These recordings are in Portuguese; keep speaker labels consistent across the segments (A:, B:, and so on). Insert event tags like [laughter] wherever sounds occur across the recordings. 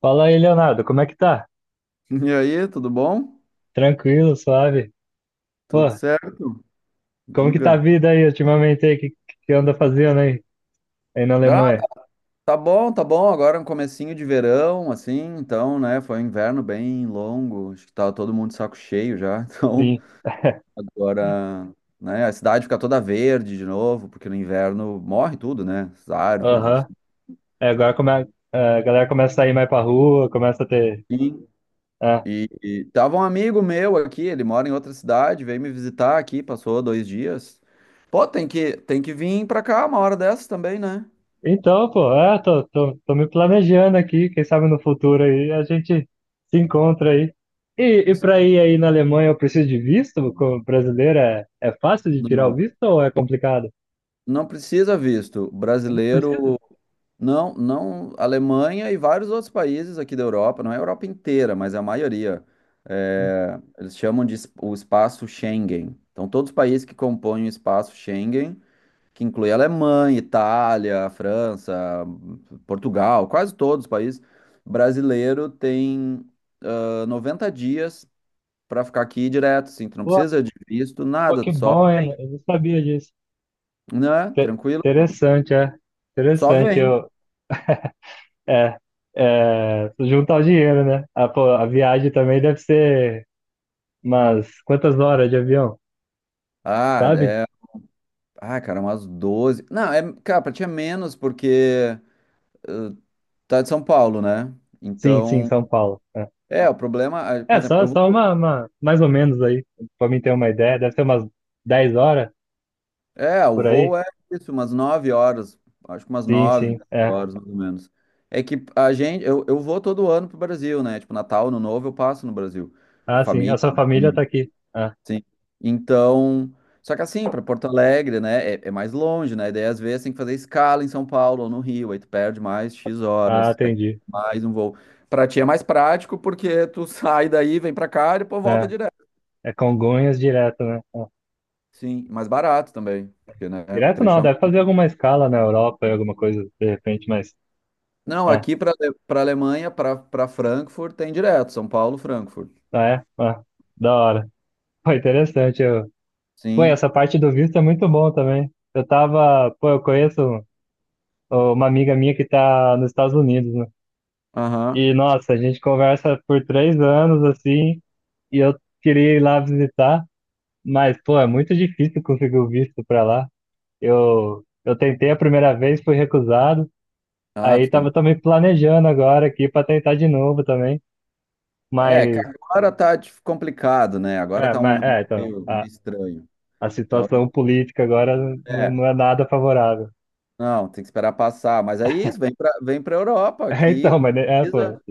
A: Fala aí, Leonardo, como é que tá?
B: E aí, tudo bom?
A: Tranquilo, suave?
B: Tudo
A: Pô,
B: certo?
A: como que tá a
B: Diga.
A: vida aí ultimamente aí? Que anda fazendo aí, aí na
B: Ah,
A: Alemanha?
B: tá bom, tá bom. Agora é um comecinho de verão, assim, então, né? Foi um inverno bem longo. Acho que tava todo mundo de saco cheio já. [laughs]
A: Sim. [laughs]
B: Então, agora, né? A cidade fica toda verde de novo, porque no inverno morre tudo, né? As árvores, assim.
A: Aham. É, agora a galera começa a sair mais pra rua, começa a ter.
B: Sim.
A: É.
B: E tava um amigo meu aqui, ele mora em outra cidade, veio me visitar aqui, passou 2 dias. Pô, tem que vir pra cá uma hora dessas também, né?
A: Então, pô, é, tô me planejando aqui, quem sabe no futuro aí a gente se encontra aí. E pra ir aí na Alemanha eu preciso de visto? Como brasileiro é fácil de tirar o
B: Não.
A: visto ou é complicado?
B: Não precisa visto.
A: Eu não
B: Brasileiro,
A: preciso?
B: não, não. Alemanha e vários outros países aqui da Europa, não é a Europa inteira, mas é a maioria.
A: Sim.
B: É, eles chamam de o espaço Schengen. Então, todos os países que compõem o espaço Schengen, que inclui Alemanha, Itália, França, Portugal, quase todos os países, brasileiro tem 90 dias para ficar aqui direto, assim. Tu não
A: Pô,
B: precisa de visto,
A: Pô,
B: nada,
A: que
B: tu só
A: bom,
B: vem,
A: hein? Eu não sabia disso.
B: né? Tranquilo,
A: Interessante, é.
B: só
A: Interessante.
B: vem.
A: É, juntar o dinheiro, né? Ah, pô, a viagem também deve ser umas quantas horas de avião,
B: Ah,
A: sabe?
B: é. Ah, cara, umas 12. Não, é, cara, pra ti é menos porque tá de São Paulo, né?
A: Sim, sim,
B: Então,
A: São Paulo. É,
B: é, o problema, por
A: É,
B: exemplo,
A: só, só mais ou menos aí, pra mim ter uma ideia. Deve ser umas 10 horas
B: é, o
A: por aí.
B: voo é isso, umas 9 horas, acho que umas
A: Sim,
B: 9
A: sim,
B: 10
A: é.
B: horas mais ou menos. É que eu vou todo ano pro Brasil, né? Tipo, Natal, Ano Novo eu passo no Brasil, com
A: Ah, sim, a
B: família.
A: sua família tá aqui. Ah,
B: Sim. Então, só que assim, para Porto Alegre, né, é mais longe, né? Daí às vezes tem que fazer escala em São Paulo ou no Rio, aí tu perde mais X
A: ah,
B: horas, aí
A: entendi.
B: mais um voo. Para ti é mais prático porque tu [laughs] sai daí, vem para cá e depois volta
A: É,
B: direto.
A: é Congonhas direto, né? É.
B: Sim, mais barato também, porque né, um
A: Direto
B: trecho
A: não,
B: a.
A: deve fazer alguma escala na Europa, alguma coisa de repente, mas
B: Não,
A: é,
B: aqui para Alemanha, para Frankfurt tem direto, São Paulo, Frankfurt.
A: é, da hora. Foi interessante. Pô, e
B: Sim.
A: essa parte do visto é muito bom também. Pô, eu conheço uma amiga minha que tá nos Estados Unidos, né?
B: Aham.
A: E nossa, a gente conversa por 3 anos assim, e eu queria ir lá visitar, mas pô, é muito difícil conseguir o visto pra lá. Eu tentei a primeira vez, fui recusado.
B: Ah,
A: Aí
B: tu
A: tava
B: tenta.
A: também planejando agora aqui pra tentar de novo também.
B: É, que
A: Mas
B: agora tá complicado, né? Agora
A: É,
B: tá um
A: mas,
B: momento
A: é, então,
B: meio
A: a,
B: estranho.
A: a
B: Então,
A: situação política agora não,
B: é.
A: não é nada favorável. [laughs]
B: Não, tem que esperar passar. Mas aí isso, vem para Europa
A: É,
B: aqui,
A: então, mas, né, é, pô,
B: precisa,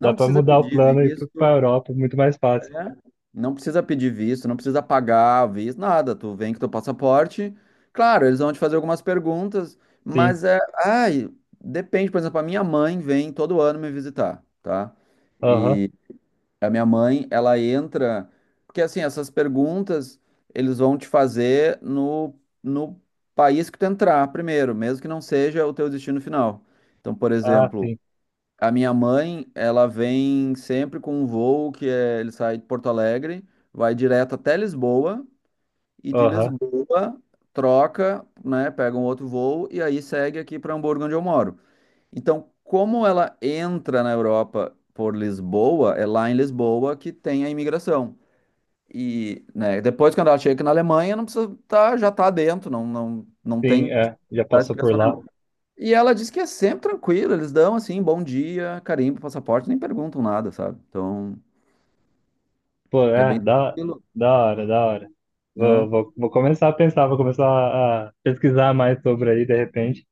A: dá
B: não
A: pra
B: precisa
A: mudar o
B: pedir
A: plano e ir pra
B: visto,
A: Europa, muito mais fácil.
B: né? Não precisa pedir visto, não precisa pagar visto, nada. Tu vem com teu passaporte. Claro, eles vão te fazer algumas perguntas,
A: Sim,
B: mas é, depende, por exemplo, a minha mãe vem todo ano me visitar, tá?
A: aham,
B: E a minha mãe, ela entra. Porque, assim, essas perguntas eles vão te fazer no país que tu entrar primeiro, mesmo que não seja o teu destino final. Então, por
A: ah,
B: exemplo,
A: sim,
B: a minha mãe, ela vem sempre com um voo que é, ele sai de Porto Alegre, vai direto até Lisboa, e de
A: aham,
B: Lisboa troca, né, pega um outro voo e aí segue aqui para Hamburgo, onde eu moro. Então, como ela entra na Europa por Lisboa, é lá em Lisboa que tem a imigração. E, né, depois quando ela chega aqui na Alemanha, não precisa tá, já tá dentro, não, não, não
A: sim,
B: tem
A: é, já
B: dá
A: passou por
B: explicação
A: lá.
B: nenhuma. E ela diz que é sempre tranquilo, eles dão assim, bom dia, carimbo, passaporte, nem perguntam nada, sabe? Então,
A: Pô,
B: é bem
A: é, da,
B: tranquilo,
A: da hora, da hora. Vou,
B: né?
A: vou, vou começar a pensar, vou começar a pesquisar mais sobre aí, de repente.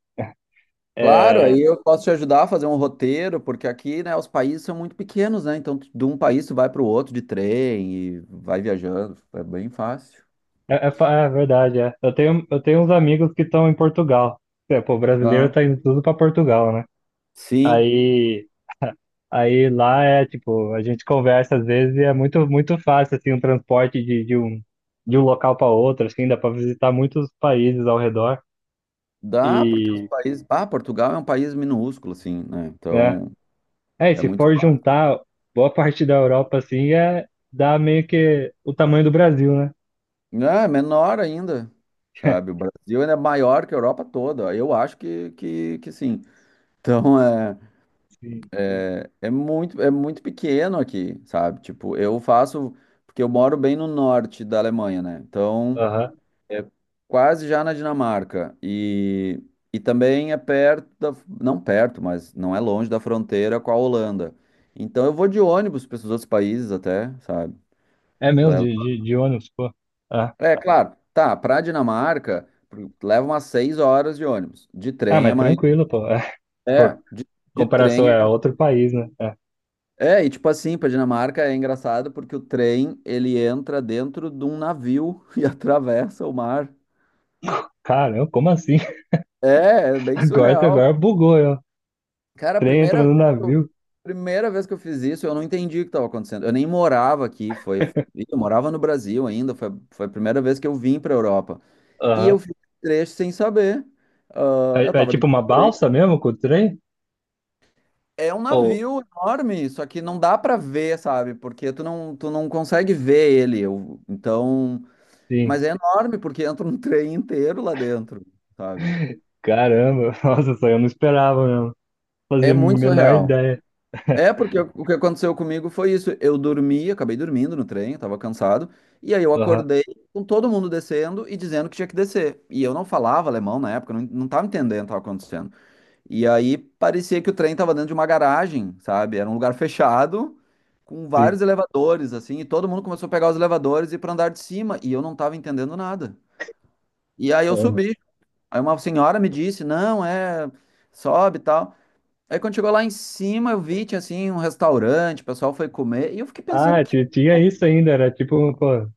B: Claro, aí
A: É,
B: eu posso te ajudar a fazer um roteiro, porque aqui, né, os países são muito pequenos, né? Então, de um país tu vai para o outro de trem e vai viajando, é bem fácil.
A: é, é, é verdade, é. Eu tenho uns amigos que estão em Portugal. É, pô, brasileiro
B: Ah,
A: tá indo tudo pra Portugal, né?
B: sim,
A: Aí, Aí lá é tipo, a gente conversa às vezes e é muito, muito fácil assim o transporte de um local para outro, assim, dá para visitar muitos países ao redor
B: dá porque os
A: e,
B: países. Ah, Portugal é um país minúsculo, assim, né?
A: né?
B: Então
A: É, e
B: é
A: se
B: muito.
A: for juntar boa parte da Europa assim, é dá meio que o tamanho do Brasil, né?
B: É menor ainda, sabe? O
A: [laughs]
B: Brasil ainda é maior que a Europa toda. Eu acho que sim. Então é,
A: Sim.
B: é é muito, é muito pequeno aqui, sabe? Tipo, eu faço. Porque eu moro bem no norte da Alemanha, né? Então.
A: Aham.
B: É quase já na Dinamarca. E também é perto da, não perto, mas não é longe da fronteira com a Holanda. Então eu vou de ônibus para esses outros países até, sabe?
A: É mesmo de,
B: Levo.
A: de, de ônibus, pô. Ah.
B: É claro, tá, para Dinamarca leva umas 6 horas de ônibus. De
A: Ah,
B: trem é
A: mas
B: mais.
A: tranquilo, pô. É. Se
B: É,
A: for
B: de
A: comparação
B: trem é.
A: é outro país, né? É.
B: É, e tipo assim, para Dinamarca é engraçado porque o trem ele entra dentro de um navio [laughs] e atravessa o mar.
A: Caramba, como assim? [laughs]
B: É bem
A: Agora
B: surreal.
A: bugou, eu.
B: Cara, a
A: Trem entra
B: primeira
A: no
B: vez que eu,
A: navio.
B: primeira vez que eu fiz isso, eu não entendi o que estava acontecendo. Eu nem morava aqui, eu morava no Brasil ainda, foi a primeira vez que eu vim para a Europa. E
A: Aham.
B: eu fiz esse trecho sem saber. Ah, eu
A: É, é
B: tava do.
A: tipo uma balsa mesmo com o trem?
B: É um
A: Ou,
B: navio enorme, só que não dá para ver, sabe? Porque tu não consegue ver ele. Então,
A: sim,
B: mas é enorme porque entra um [laughs] trem inteiro lá dentro, sabe?
A: caramba, [laughs] nossa, só eu não esperava mesmo. Fazia
B: É
A: a
B: muito
A: menor
B: surreal.
A: ideia.
B: É,
A: [laughs]
B: porque o que aconteceu comigo foi isso. Eu dormi, acabei dormindo no trem, eu tava cansado. E aí eu
A: Aham,
B: acordei com todo mundo descendo e dizendo que tinha que descer. E eu não falava alemão na época, não tava entendendo o que tava acontecendo. E aí parecia que o trem tava dentro de uma garagem, sabe? Era um lugar fechado, com
A: sim,
B: vários elevadores, assim. E todo mundo começou a pegar os elevadores e ir pra andar de cima. E eu não tava entendendo nada. E aí eu
A: caramba.
B: subi. Aí uma senhora me disse: não, é, sobe e tal. Aí quando chegou lá em cima, eu vi, tinha assim um restaurante, o pessoal foi comer, e eu fiquei pensando
A: Ah,
B: que
A: tinha isso ainda, era tipo, pô,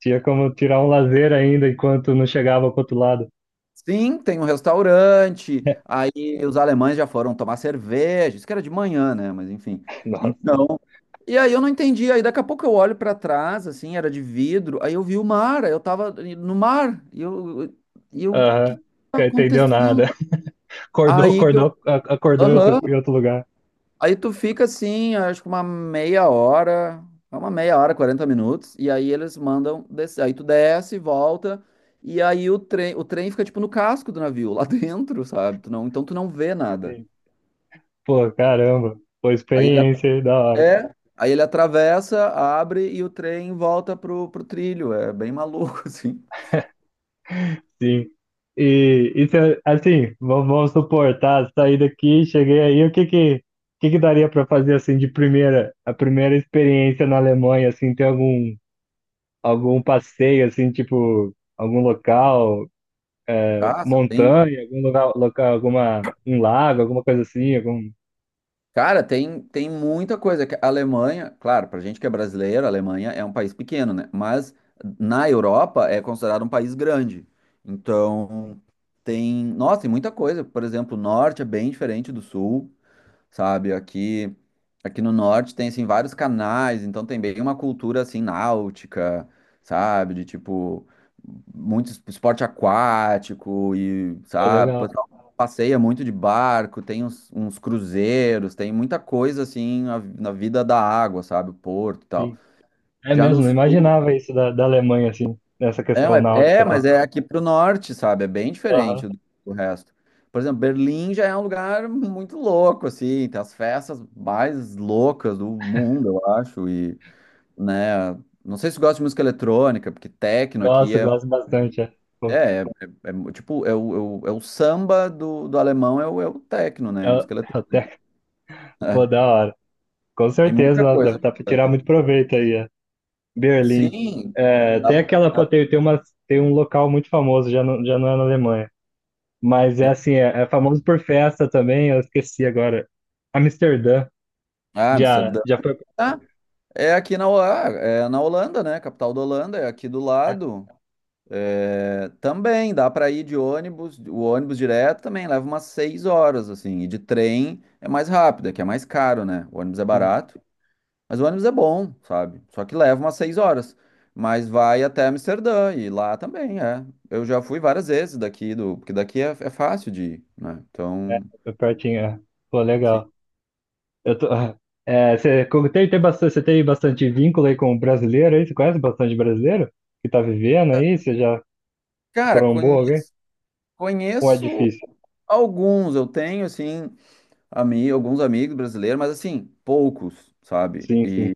A: tinha como tirar um lazer ainda enquanto não chegava pro outro lado.
B: sim, tem um restaurante,
A: [laughs]
B: aí os alemães já foram tomar cerveja, isso que era de manhã, né? Mas enfim.
A: Nossa,
B: Então, e aí eu não entendi, aí daqui a pouco eu olho pra trás, assim, era de vidro, aí eu vi o mar, aí eu tava no mar, e eu, o que
A: aham,
B: tá
A: não entendeu
B: acontecendo?
A: nada. [laughs]
B: Aí que eu,
A: Acordou em outro,
B: aham.
A: em outro lugar.
B: Aí tu fica assim, acho que uma meia hora, é uma meia hora, 40 minutos, e aí eles mandam descer. Aí tu desce, volta, e aí o trem, fica tipo no casco do navio, lá [laughs] dentro, sabe? Tu não, Então tu não vê nada.
A: Sim. Pô, caramba, foi
B: Aí ele at-
A: experiência aí, da hora.
B: Aí ele atravessa, abre e o trem volta pro trilho. É bem maluco, [laughs] assim.
A: Sim. E se eu- assim, vamos suportar, sair daqui, cheguei aí, o que que daria para fazer assim de primeira, a primeira experiência na Alemanha, assim, tem algum passeio assim, tipo algum local,
B: Passa, tem
A: montanha, algum lugar, local, alguma um lago, alguma coisa assim, algum,
B: Cara, tem muita coisa. Que A Alemanha, claro, pra gente que é brasileiro, a Alemanha é um país pequeno, né? Mas na Europa é considerado um país grande. Então, tem, nossa, tem muita coisa. Por exemplo, o norte é bem diferente do sul, sabe? Aqui no norte tem assim vários canais, então tem bem uma cultura assim náutica, sabe? De tipo muito esporte aquático e,
A: pô,
B: sabe, o
A: legal.
B: pessoal passeia muito de barco, tem uns cruzeiros, tem muita coisa assim na vida da água, sabe? O porto e tal.
A: Sim. É
B: Já no
A: mesmo, não
B: sul
A: imaginava isso da Alemanha assim, nessa
B: é,
A: questão náutica e
B: mas
A: tal.
B: é aqui pro norte, sabe? É bem
A: Aham.
B: diferente do resto. Por exemplo, Berlim já é um lugar muito louco, assim, tem as festas mais loucas do mundo, eu acho, e, né, não sei se gosta de música eletrônica, porque techno aqui
A: Gosto, gosto bastante. É, pô,
B: é, é, é tipo, é o samba do alemão, é o techno, né,
A: é
B: música eletrônica.
A: até,
B: É,
A: pô, da hora. Com
B: tem
A: certeza,
B: muita
A: nossa, deve
B: coisa
A: dar para
B: pra
A: tirar
B: fazer.
A: muito proveito aí, é. Berlim.
B: Sim,
A: É, tem
B: dá,
A: aquela, pô, tem um local muito famoso, já não é na Alemanha, mas é assim, é famoso por festa também, eu esqueci agora. Amsterdã,
B: ah,
A: já,
B: Amsterdã.
A: já foi,
B: Ah, é aqui na, ah, é na Holanda, né? Capital da Holanda, é aqui do
A: é,
B: lado. É, também dá para ir de ônibus, o ônibus direto também leva umas 6 horas, assim, e de trem é mais rápido, é que é mais caro, né? O ônibus é
A: sim,
B: barato, mas o ônibus é bom, sabe? Só que leva umas 6 horas, mas vai até Amsterdã e lá também é. Eu já fui várias vezes daqui do, porque daqui é fácil de ir, né?
A: é,
B: Então,
A: foi pertinho, é. Pô,
B: sim.
A: legal. Eu tô, [laughs] é, você como tem, tem bastante, você tem bastante vínculo aí com o brasileiro aí, você conhece bastante brasileiro que tá vivendo aí, você já
B: Cara,
A: trombou
B: conheço,
A: alguém? Ou é
B: conheço
A: difícil?
B: alguns, eu tenho assim, alguns amigos brasileiros, mas assim, poucos, sabe?
A: Sim, sim.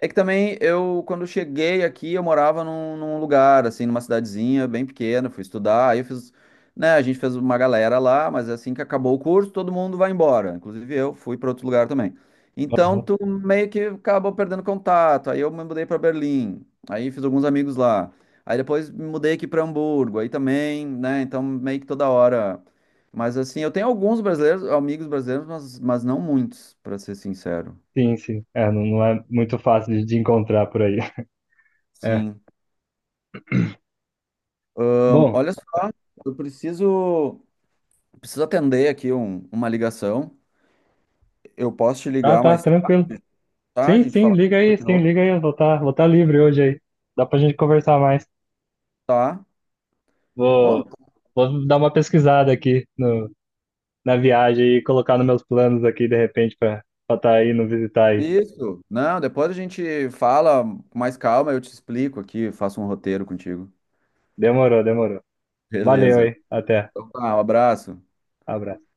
B: É que também eu, quando cheguei aqui, eu morava num lugar, assim, numa cidadezinha bem pequena, fui estudar, aí eu fiz, né, a gente fez uma galera lá, mas é assim que acabou o curso, todo mundo vai embora, inclusive eu fui para outro lugar também. Então, tu meio que acabou perdendo contato, aí eu me mudei para Berlim, aí fiz alguns amigos lá, aí depois me mudei aqui para Hamburgo, aí também, né, então meio que toda hora. Mas assim, eu tenho alguns brasileiros, amigos brasileiros, mas não muitos, para ser sincero.
A: Sim, sim. É, não, não é muito fácil de encontrar por aí. [laughs] É.
B: Sim. Ahn,
A: Bom,
B: olha só, eu preciso atender aqui uma ligação. Eu posso te
A: tá,
B: ligar
A: tá,
B: mais tarde,
A: tranquilo.
B: tá? A
A: Sim,
B: gente
A: sim,
B: fala
A: liga aí,
B: depois de
A: sim,
B: novo,
A: liga aí. Eu vou tá livre hoje aí. Dá pra gente conversar mais.
B: tá? Pô,
A: Vou, vou dar uma pesquisada aqui no, na viagem e colocar nos meus planos aqui, de repente, pra estar tá aí, não visitar aí.
B: isso. Não, depois a gente fala com mais calma, eu te explico aqui, faço um roteiro contigo.
A: Demorou, demorou. Valeu aí.
B: Beleza.
A: Até.
B: Então tá, um abraço.
A: Abraço.